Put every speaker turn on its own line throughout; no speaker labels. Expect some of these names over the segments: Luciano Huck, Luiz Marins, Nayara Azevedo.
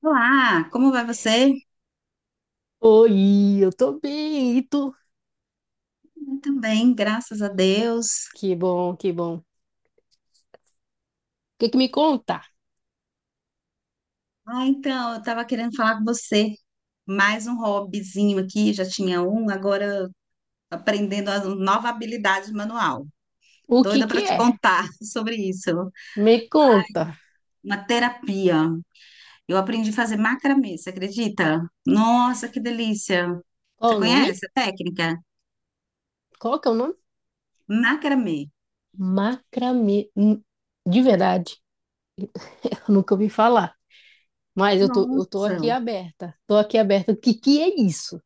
Olá, como vai você?
Oi, eu tô bem, e tu?
Eu também, graças a Deus.
Que bom, que bom. O que que me conta?
Ah, então, eu estava querendo falar com você. Mais um hobbyzinho aqui, já tinha um, agora aprendendo a nova habilidade manual.
O que
Doida
que
para te
é?
contar sobre isso.
Me conta.
Uma terapia. Eu aprendi a fazer macramê, você acredita? Nossa, que delícia! Você
Qual o nome?
conhece a técnica?
Qual que é o nome?
Macramê.
Macramê. De verdade, eu nunca ouvi falar. Mas eu tô aqui
Nossa,
aberta. Tô aqui aberta. O que que é isso?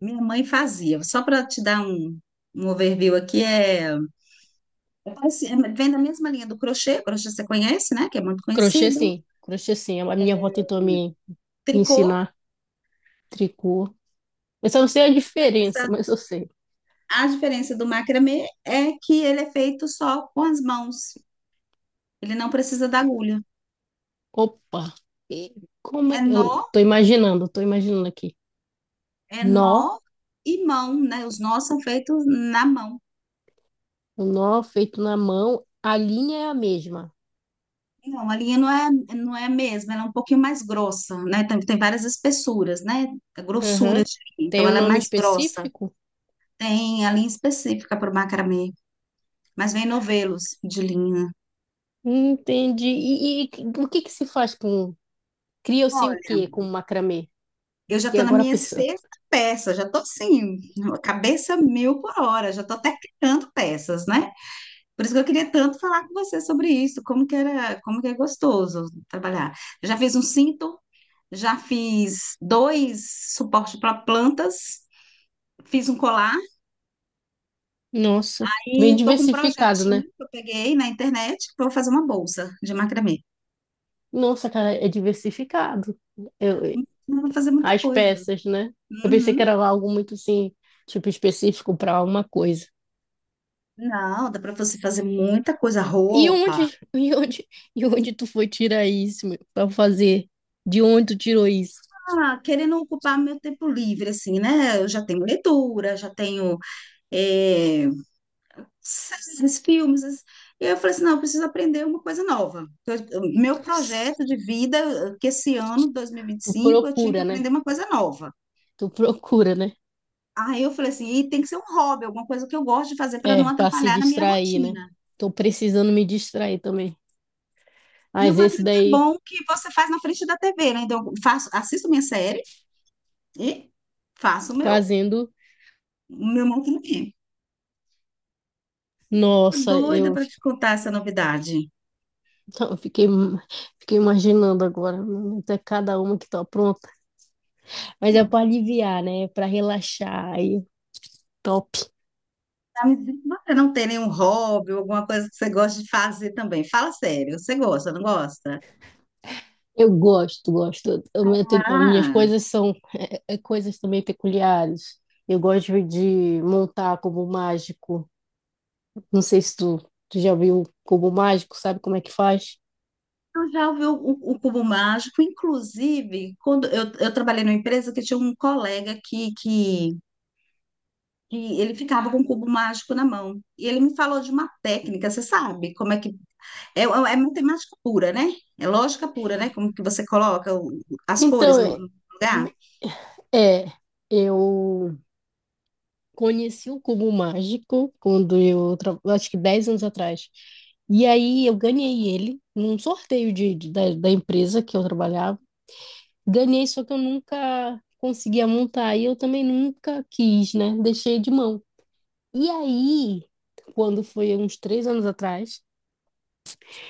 minha mãe fazia. Só para te dar um overview aqui, é assim, é, vem da mesma linha do crochê, crochê você conhece, né? Que é muito
Crochê
conhecido.
sim, crochê sim. A minha avó tentou me
Tricô,
ensinar tricô. Eu só não sei a diferença,
Essa-
mas eu sei.
a diferença do macramê é que ele é feito só com as mãos. Ele não precisa da agulha.
Opa! E
É nó,
eu tô imaginando aqui.
é
Nó.
nó e mão, né? Os nós são feitos na mão.
O nó feito na mão, a linha é a mesma.
Não, a linha não é a mesma, ela é um pouquinho mais grossa, né? Tem várias espessuras, né? Grossuras,
Aham.
de linha, então
Tem um
ela é
nome
mais grossa.
específico?
Tem a linha específica para o macramê, mas vem novelos de linha.
Entendi. E o que que se faz com... Cria-se o
Olha.
quê com macramê?
Eu já
Fiquei
estou na
agora
minha
pensando.
sexta peça, já estou assim, cabeça mil por hora, já estou até criando peças, né? Por isso que eu queria tanto falar com você sobre isso, como que era, como que é gostoso trabalhar. Eu já fiz um cinto, já fiz dois suportes para plantas, fiz um colar
Nossa.
e
Bem
estou com um
diversificado, né?
projetinho que eu peguei na internet, que eu vou fazer uma bolsa de macramê.
Nossa, cara, é diversificado. Eu,
Não vou fazer muita
as
coisa.
peças, né? Eu pensei que
Uhum.
era algo muito assim, tipo, específico para uma coisa.
Não, dá para você fazer muita coisa,
E
roupa,
onde, e onde tu foi tirar isso, meu? Pra fazer? De onde tu tirou isso?
ah, querendo ocupar meu tempo livre, assim, né? Eu já tenho leitura, já tenho eh, séries, filmes. E eu falei assim, não, eu preciso aprender uma coisa nova. Meu
Nossa.
projeto de vida, que esse ano, dois mil e vinte e
Tu
cinco eu tinha que
procura, né?
aprender uma coisa nova.
Tu procura, né?
Aí eu falei assim, e tem que ser um hobby, alguma coisa que eu gosto de fazer para não
É, pra se
atrapalhar na minha
distrair, né?
rotina.
Tô precisando me distrair também.
E
Mas
uma
esse
coisa é
daí
bom que você faz na frente da TV, né? Então, eu faço, assisto minha série e faço o meu,
fazendo,
o meu montanha.
nossa,
Doida
eu,
para te contar essa novidade.
eu fiquei imaginando agora, mano, até cada uma que tá pronta. Mas é
Não,
pra aliviar, né? É pra relaxar, aí, top.
tá me dizendo que você não tem nenhum hobby ou alguma coisa que você gosta de fazer também. Fala sério, você gosta, não gosta?
Eu gosto, gosto. As minhas
Ah,
coisas são coisas também peculiares. Eu gosto de montar cubo mágico. Não sei se tu já viu cubo mágico, sabe como é que faz?
eu já ouvi o Cubo Mágico, inclusive, quando eu trabalhei numa empresa que tinha um colega que ele ficava com o Cubo Mágico na mão. E ele me falou de uma técnica, você sabe como é que é, é é matemática pura, né? É lógica pura, né? Como que você coloca as cores
Então,
no lugar?
é, é, eu conheci o Cubo Mágico quando acho que 10 anos atrás. E aí eu ganhei ele num sorteio de, da empresa que eu trabalhava. Ganhei, só que eu nunca conseguia montar e eu também nunca quis, né? Deixei de mão. E aí, quando foi uns 3 anos atrás,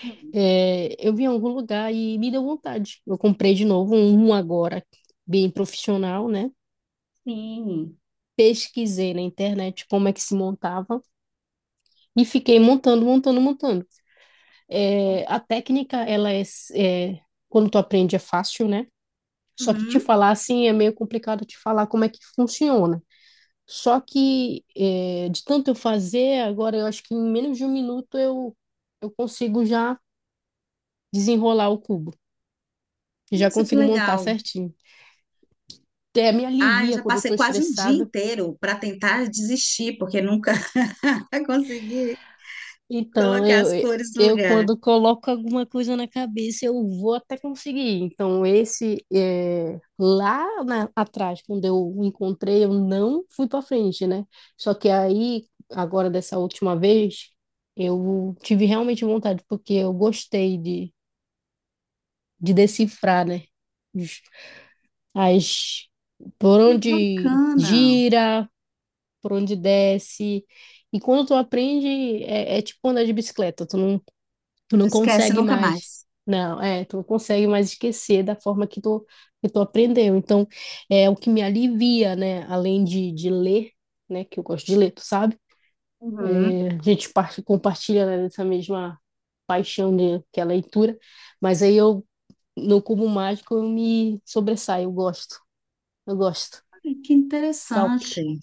Hum.
eu vi em algum lugar e me deu vontade. Eu comprei de novo um agora, bem profissional, né?
Sim.
Pesquisei na internet como é que se montava e fiquei montando, montando, montando. É, a técnica, ela é, quando tu aprende é fácil, né? Só que te
Uhum.
falar assim é meio complicado te falar como é que funciona. Só que é, de tanto eu fazer, agora eu acho que em menos de um minuto eu consigo já desenrolar o cubo. Já
Nossa, que
consigo montar
legal.
certinho. Até me
Ah, eu
alivia
já
quando eu
passei
tô
quase um dia
estressada.
inteiro para tentar desistir, porque nunca consegui
Então,
colocar
eu,
as
eu,
cores no
eu
lugar.
quando coloco alguma coisa na cabeça, eu vou até conseguir. Então, esse é, lá atrás, quando eu o encontrei, eu não fui para frente, né? Só que aí, agora dessa última vez, eu tive realmente vontade, porque eu gostei de decifrar, né? Os- As, por
Que
onde
bacana.
gira, por onde desce. E quando tu aprende, é tipo andar de bicicleta. Tu
Não
não
esquece
consegue
nunca
mais.
mais.
Não, tu não consegue mais esquecer da forma que tu aprendeu. Então, é o que me alivia, né? Além de ler, né? Que eu gosto de ler, tu sabe?
Uhum.
A gente compartilha, né, dessa mesma paixão que é a leitura. Mas aí no Cubo Mágico, eu me sobressaio, eu gosto. Eu gosto.
Olha, que
Top,
interessante.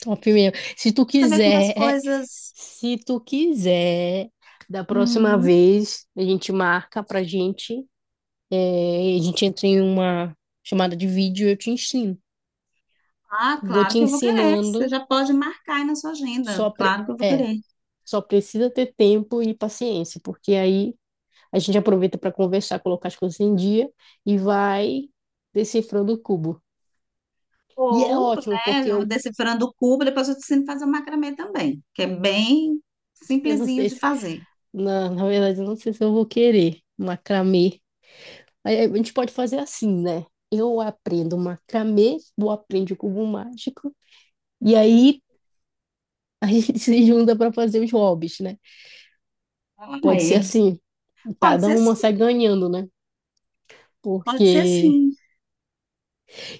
top mesmo. Se tu
Você vê como as
quiser,
coisas.
se tu quiser, da próxima
Hum,
vez a gente marca pra gente. É, a gente entra em uma chamada de vídeo e eu te ensino.
ah,
Vou
claro
te
que eu vou querer. Você
ensinando,
já pode marcar aí na sua agenda.
só pre...
Claro que eu vou
é,
querer.
só precisa ter tempo e paciência, porque aí a gente aproveita para conversar, colocar as coisas em dia e vai decifrando o cubo. E é
Ou,
ótimo, porque
né, eu
eu,
decifrando o cubo, depois eu te ensino a fazer o macramê também, que é bem
eu não
simplesinho
sei
de
se,
fazer.
na verdade, eu não sei se eu vou querer macramê. Aí a gente pode fazer assim, né? Eu aprendo macramê, tu aprende o cubo mágico, e aí a gente se junta para fazer os hobbies, né?
Ah,
Pode ser
é.
assim.
Pode
Cada
ser
uma
sim.
sai ganhando, né?
Pode ser
Porque.
sim.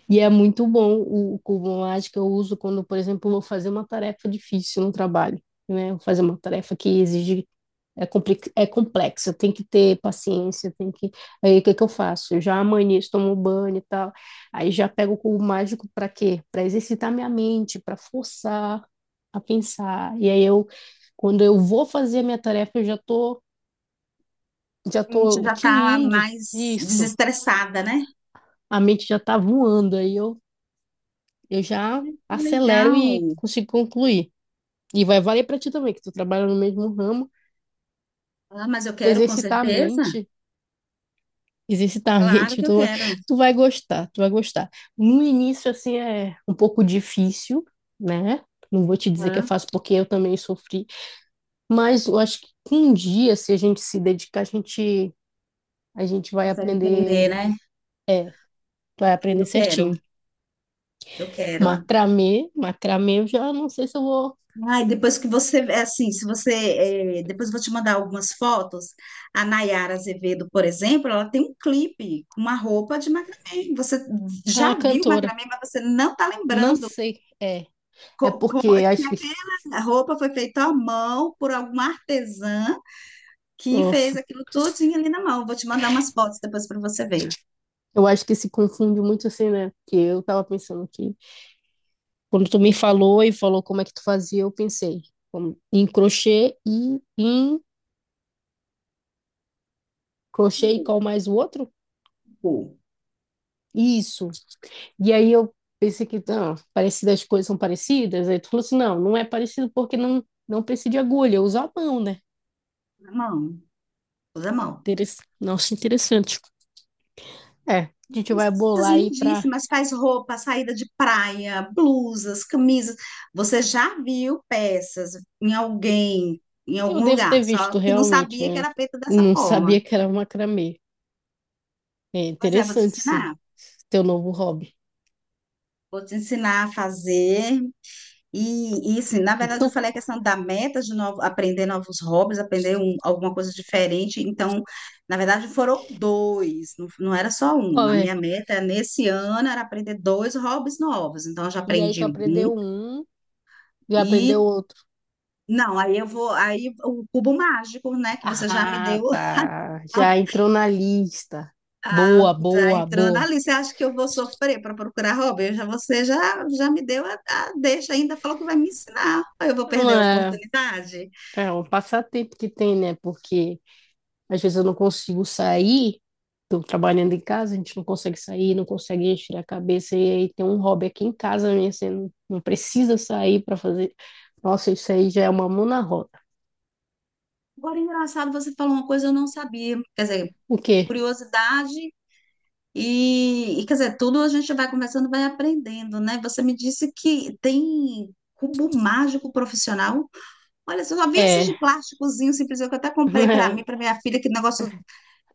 E é muito bom o cubo mágico. Eu uso quando, por exemplo, vou fazer uma tarefa difícil no trabalho, né? Vou fazer uma tarefa que exige. É complexa, tem que ter paciência, tem que. Aí o que que eu faço? Eu já amanheço, tomo banho e tal. Aí já pego o cubo mágico para quê? Para exercitar minha mente, para forçar a pensar. E aí eu, quando eu vou fazer a minha tarefa, eu já tô, já
A gente
tô
já está
tinindo
mais
isso.
desestressada, né?
A mente já tá voando, aí eu já
Ai, que
acelero e
legal.
consigo concluir. E vai valer para ti também, que tu trabalha no mesmo ramo,
Ah, mas eu quero, com
exercitar a
certeza.
mente, exercitar a
Claro
mente,
que eu quero.
tu vai gostar, tu vai gostar. No início, assim, é um pouco difícil, né? Não vou te dizer que é
Ah,
fácil, porque eu também sofri, mas eu acho que um dia, se a gente se dedicar, a gente
consegue entender, né?
vai
Eu
aprender
quero,
certinho.
eu quero.
Macramê, macramê, eu já não sei se eu vou.
Ai, depois que você, é assim, se você, é, depois eu vou te mandar algumas fotos. A Nayara Azevedo, por exemplo, ela tem um clipe com uma roupa de macramê. Você
A
já viu
cantora.
macramê, mas você não está
Não
lembrando
sei, é. É
co- co-
porque
que
acho que.
aquela roupa foi feita à mão por alguma artesã que fez
Nossa,
aquilo todinho ali na mão. Vou te mandar umas fotos depois para você ver.
eu acho que se confunde muito assim, né? Porque eu tava pensando que quando tu me falou e falou como é que tu fazia, eu pensei em crochê e qual mais o outro?
Pô,
Isso. E aí eu pensei que, não, parecidas as coisas são parecidas. Aí tu falou assim, não, não é parecido porque não, não precisa de agulha, eu uso a mão, né?
na mão, toda mão.
Nossa, interessante. É, a gente
Umas
vai
peças
bolar aí pra.
lindíssimas, faz roupa, saída de praia, blusas, camisas. Você já viu peças em alguém, em
Eu
algum
devo
lugar,
ter
só
visto
que não
realmente,
sabia que
né?
era feita dessa
Não
forma.
sabia que era macramê. É
Pois é, vou te
interessante esse
ensinar.
teu novo hobby.
Vou te ensinar a fazer. E assim, na verdade,
Tu,
eu falei a questão da meta de novo, aprender novos hobbies, aprender alguma coisa diferente. Então, na verdade, foram dois, não, não era só um.
Qual
A
é?
minha meta nesse ano era aprender dois hobbies novos. Então, eu já
E aí tu
aprendi um
aprendeu um, já aprendeu
e
outro.
não, aí eu vou, aí o cubo mágico, né, que você já me
Ah,
deu,
tá.
a-
Já entrou na lista. Boa,
já
boa,
entrou na
boa.
lista. Você acha que eu vou sofrer para procurar hobby? Eu já, você já, já me deu a deixa ainda, falou que vai me ensinar. Eu vou
É
perder a
uma-
oportunidade.
é um passatempo que tem, né? Porque às vezes eu não consigo sair, estou trabalhando em casa, a gente não consegue sair, não consegue encher a cabeça, e aí tem um hobby aqui em casa, minha, você não, não precisa sair para fazer. Nossa, isso aí já é uma mão na roda.
Agora, engraçado, você falou uma coisa que eu não sabia. Quer dizer,
O quê?
curiosidade e, quer dizer, tudo a gente vai conversando, vai aprendendo, né? Você me disse que tem cubo mágico profissional. Olha, eu só vi esses
É,
de plásticozinho simples que eu até comprei para mim, para minha filha, que negócio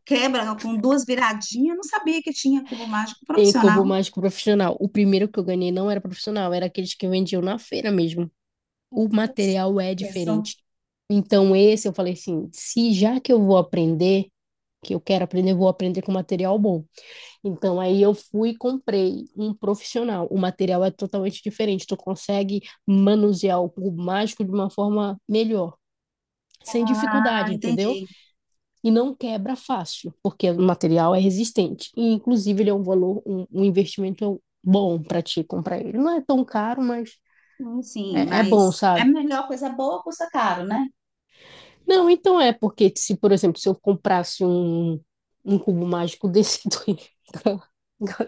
quebra com duas viradinhas. Eu não sabia que tinha cubo mágico
tem
profissional.
cubo mágico profissional. O primeiro que eu ganhei não era profissional, era aqueles que vendiam na feira mesmo. O material é
Pensam.
diferente. Então, esse eu falei assim: se já que eu vou aprender, que eu quero aprender, eu vou aprender com material bom. Então, aí eu fui e comprei um profissional. O material é totalmente diferente. Tu consegue manusear o cubo mágico de uma forma melhor, sem
Ah,
dificuldade, entendeu?
entendi.
E não quebra fácil, porque o material é resistente. E, inclusive, ele é um valor, um investimento bom para ti comprar ele. Não é tão caro, mas
Sim,
é bom,
mas é
sabe?
melhor coisa boa custa caro, né?
Não, então é porque se, por exemplo, se eu comprasse um, cubo mágico desse do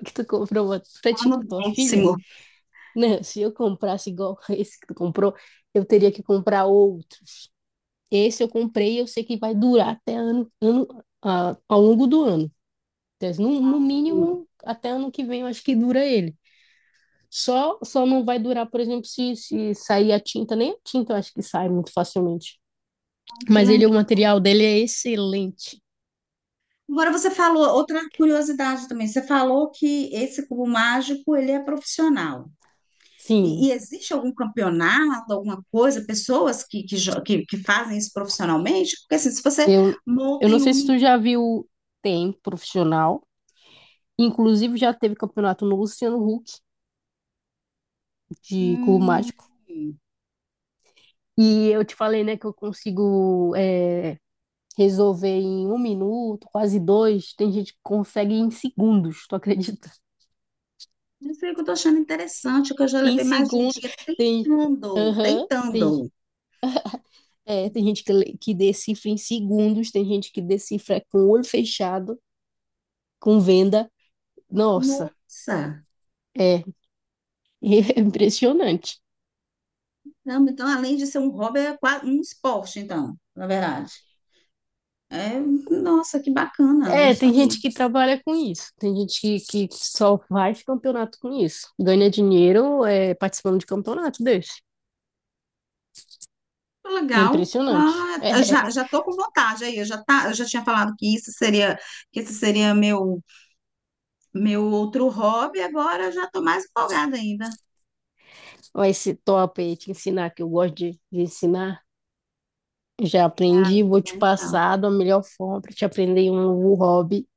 que tu comprou pra, ti, pra
Tá no
tipo, tua filha.
décimo.
Não, se eu comprasse igual esse que tu comprou, eu teria que comprar outro. Esse eu comprei, eu sei que vai durar até ano, ano a- ao longo do ano. Então, no
Hum,
mínimo, até ano que vem, eu acho que dura ele. Só não vai durar, por exemplo, se sair a tinta, nem a tinta eu acho que sai muito facilmente.
Que
Mas ele, o
legal.
material dele é excelente.
Agora você falou, outra curiosidade também, você falou que esse cubo mágico, ele é profissional.
Sim,
E existe algum campeonato, alguma coisa, pessoas que fazem isso profissionalmente? Porque assim, se você
eu, eu
monta
não
em um
sei se tu
minuto,
já viu, tem profissional. Inclusive já teve campeonato no Luciano Huck de cubo
hum,
mágico. E eu te falei, né, que eu consigo resolver em um minuto, quase dois. Tem gente que consegue em segundos, tu acredita?
isso aí que eu tô achando interessante, que eu já
Em
levei mais de um
segundos.
dia
Tem.
tentando,
Aham. tem,
tentando.
é, tem gente que decifra em segundos, tem gente que decifra com o olho fechado, com venda. Nossa,
Nossa!
é, é impressionante.
Caramba, então, além de ser um hobby, é quase um esporte, então, na verdade. É, nossa, que bacana, não
É, tem
sabia.
gente que trabalha com isso, tem gente que só faz campeonato com isso, ganha dinheiro participando de campeonato desse.
Legal.
Impressionante.
Ah, já, já tô com vontade aí. Eu já, tá, eu já tinha falado que isso seria, que esse seria meu outro hobby, agora eu já tô mais empolgada ainda.
É, ó, esse top aí, te ensinar, que eu gosto de ensinar. Já
Ah,
aprendi,
né?
vou te
Então,
passar da melhor forma para te aprender um novo hobby.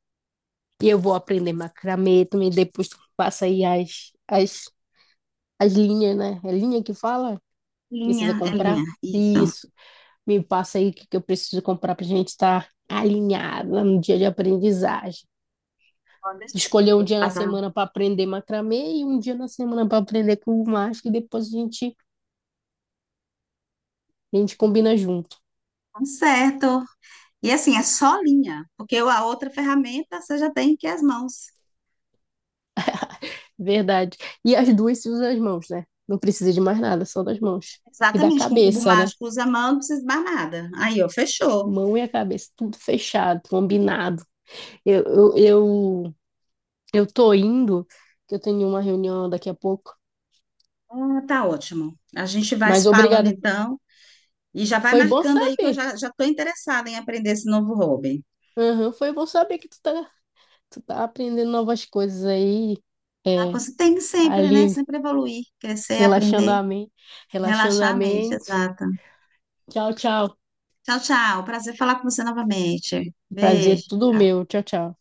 E eu vou aprender macramê também, depois tu passa aí as, as, linhas, né? É linha que fala? Precisa
linha, é linha,
comprar?
isso.
Isso. Me passa aí o que, que eu preciso comprar pra gente estar alinhada no dia de aprendizagem.
Pode deixar.
Escolher um
Vou te
dia na
passar.
semana para aprender macramê e um dia na semana para aprender com o macho, e depois a gente combina junto.
Tá certo. E assim, é só linha, porque a outra ferramenta você já tem que as mãos.
Verdade. E as duas se usam as mãos, né? Não precisa de mais nada, só das mãos. E da
Exatamente, com o cubo
cabeça, né?
mágico usa a mão, não precisa esbar nada. Aí, ó, fechou.
Mão e a cabeça, tudo fechado, combinado. Eu, eu, eu, eu tô indo, que eu tenho uma reunião daqui a pouco.
Ah, tá ótimo. A gente vai
Mas
se falando
obrigada.
então. E já vai
Foi bom
marcando aí que eu
saber.
já já estou interessada em aprender esse novo hobby.
Aham, foi bom saber que tu tá aprendendo novas coisas aí.
Ah,
É,
você tem que sempre, né?
ali,
Sempre evoluir,
se
crescer,
relaxando
aprender,
a mente. Relaxando
relaxar
a
a mente,
mente.
exato.
Tchau, tchau.
Tchau, tchau. Prazer falar com você novamente. Beijo.
Prazer, tudo
Tchau.
meu. Tchau, tchau.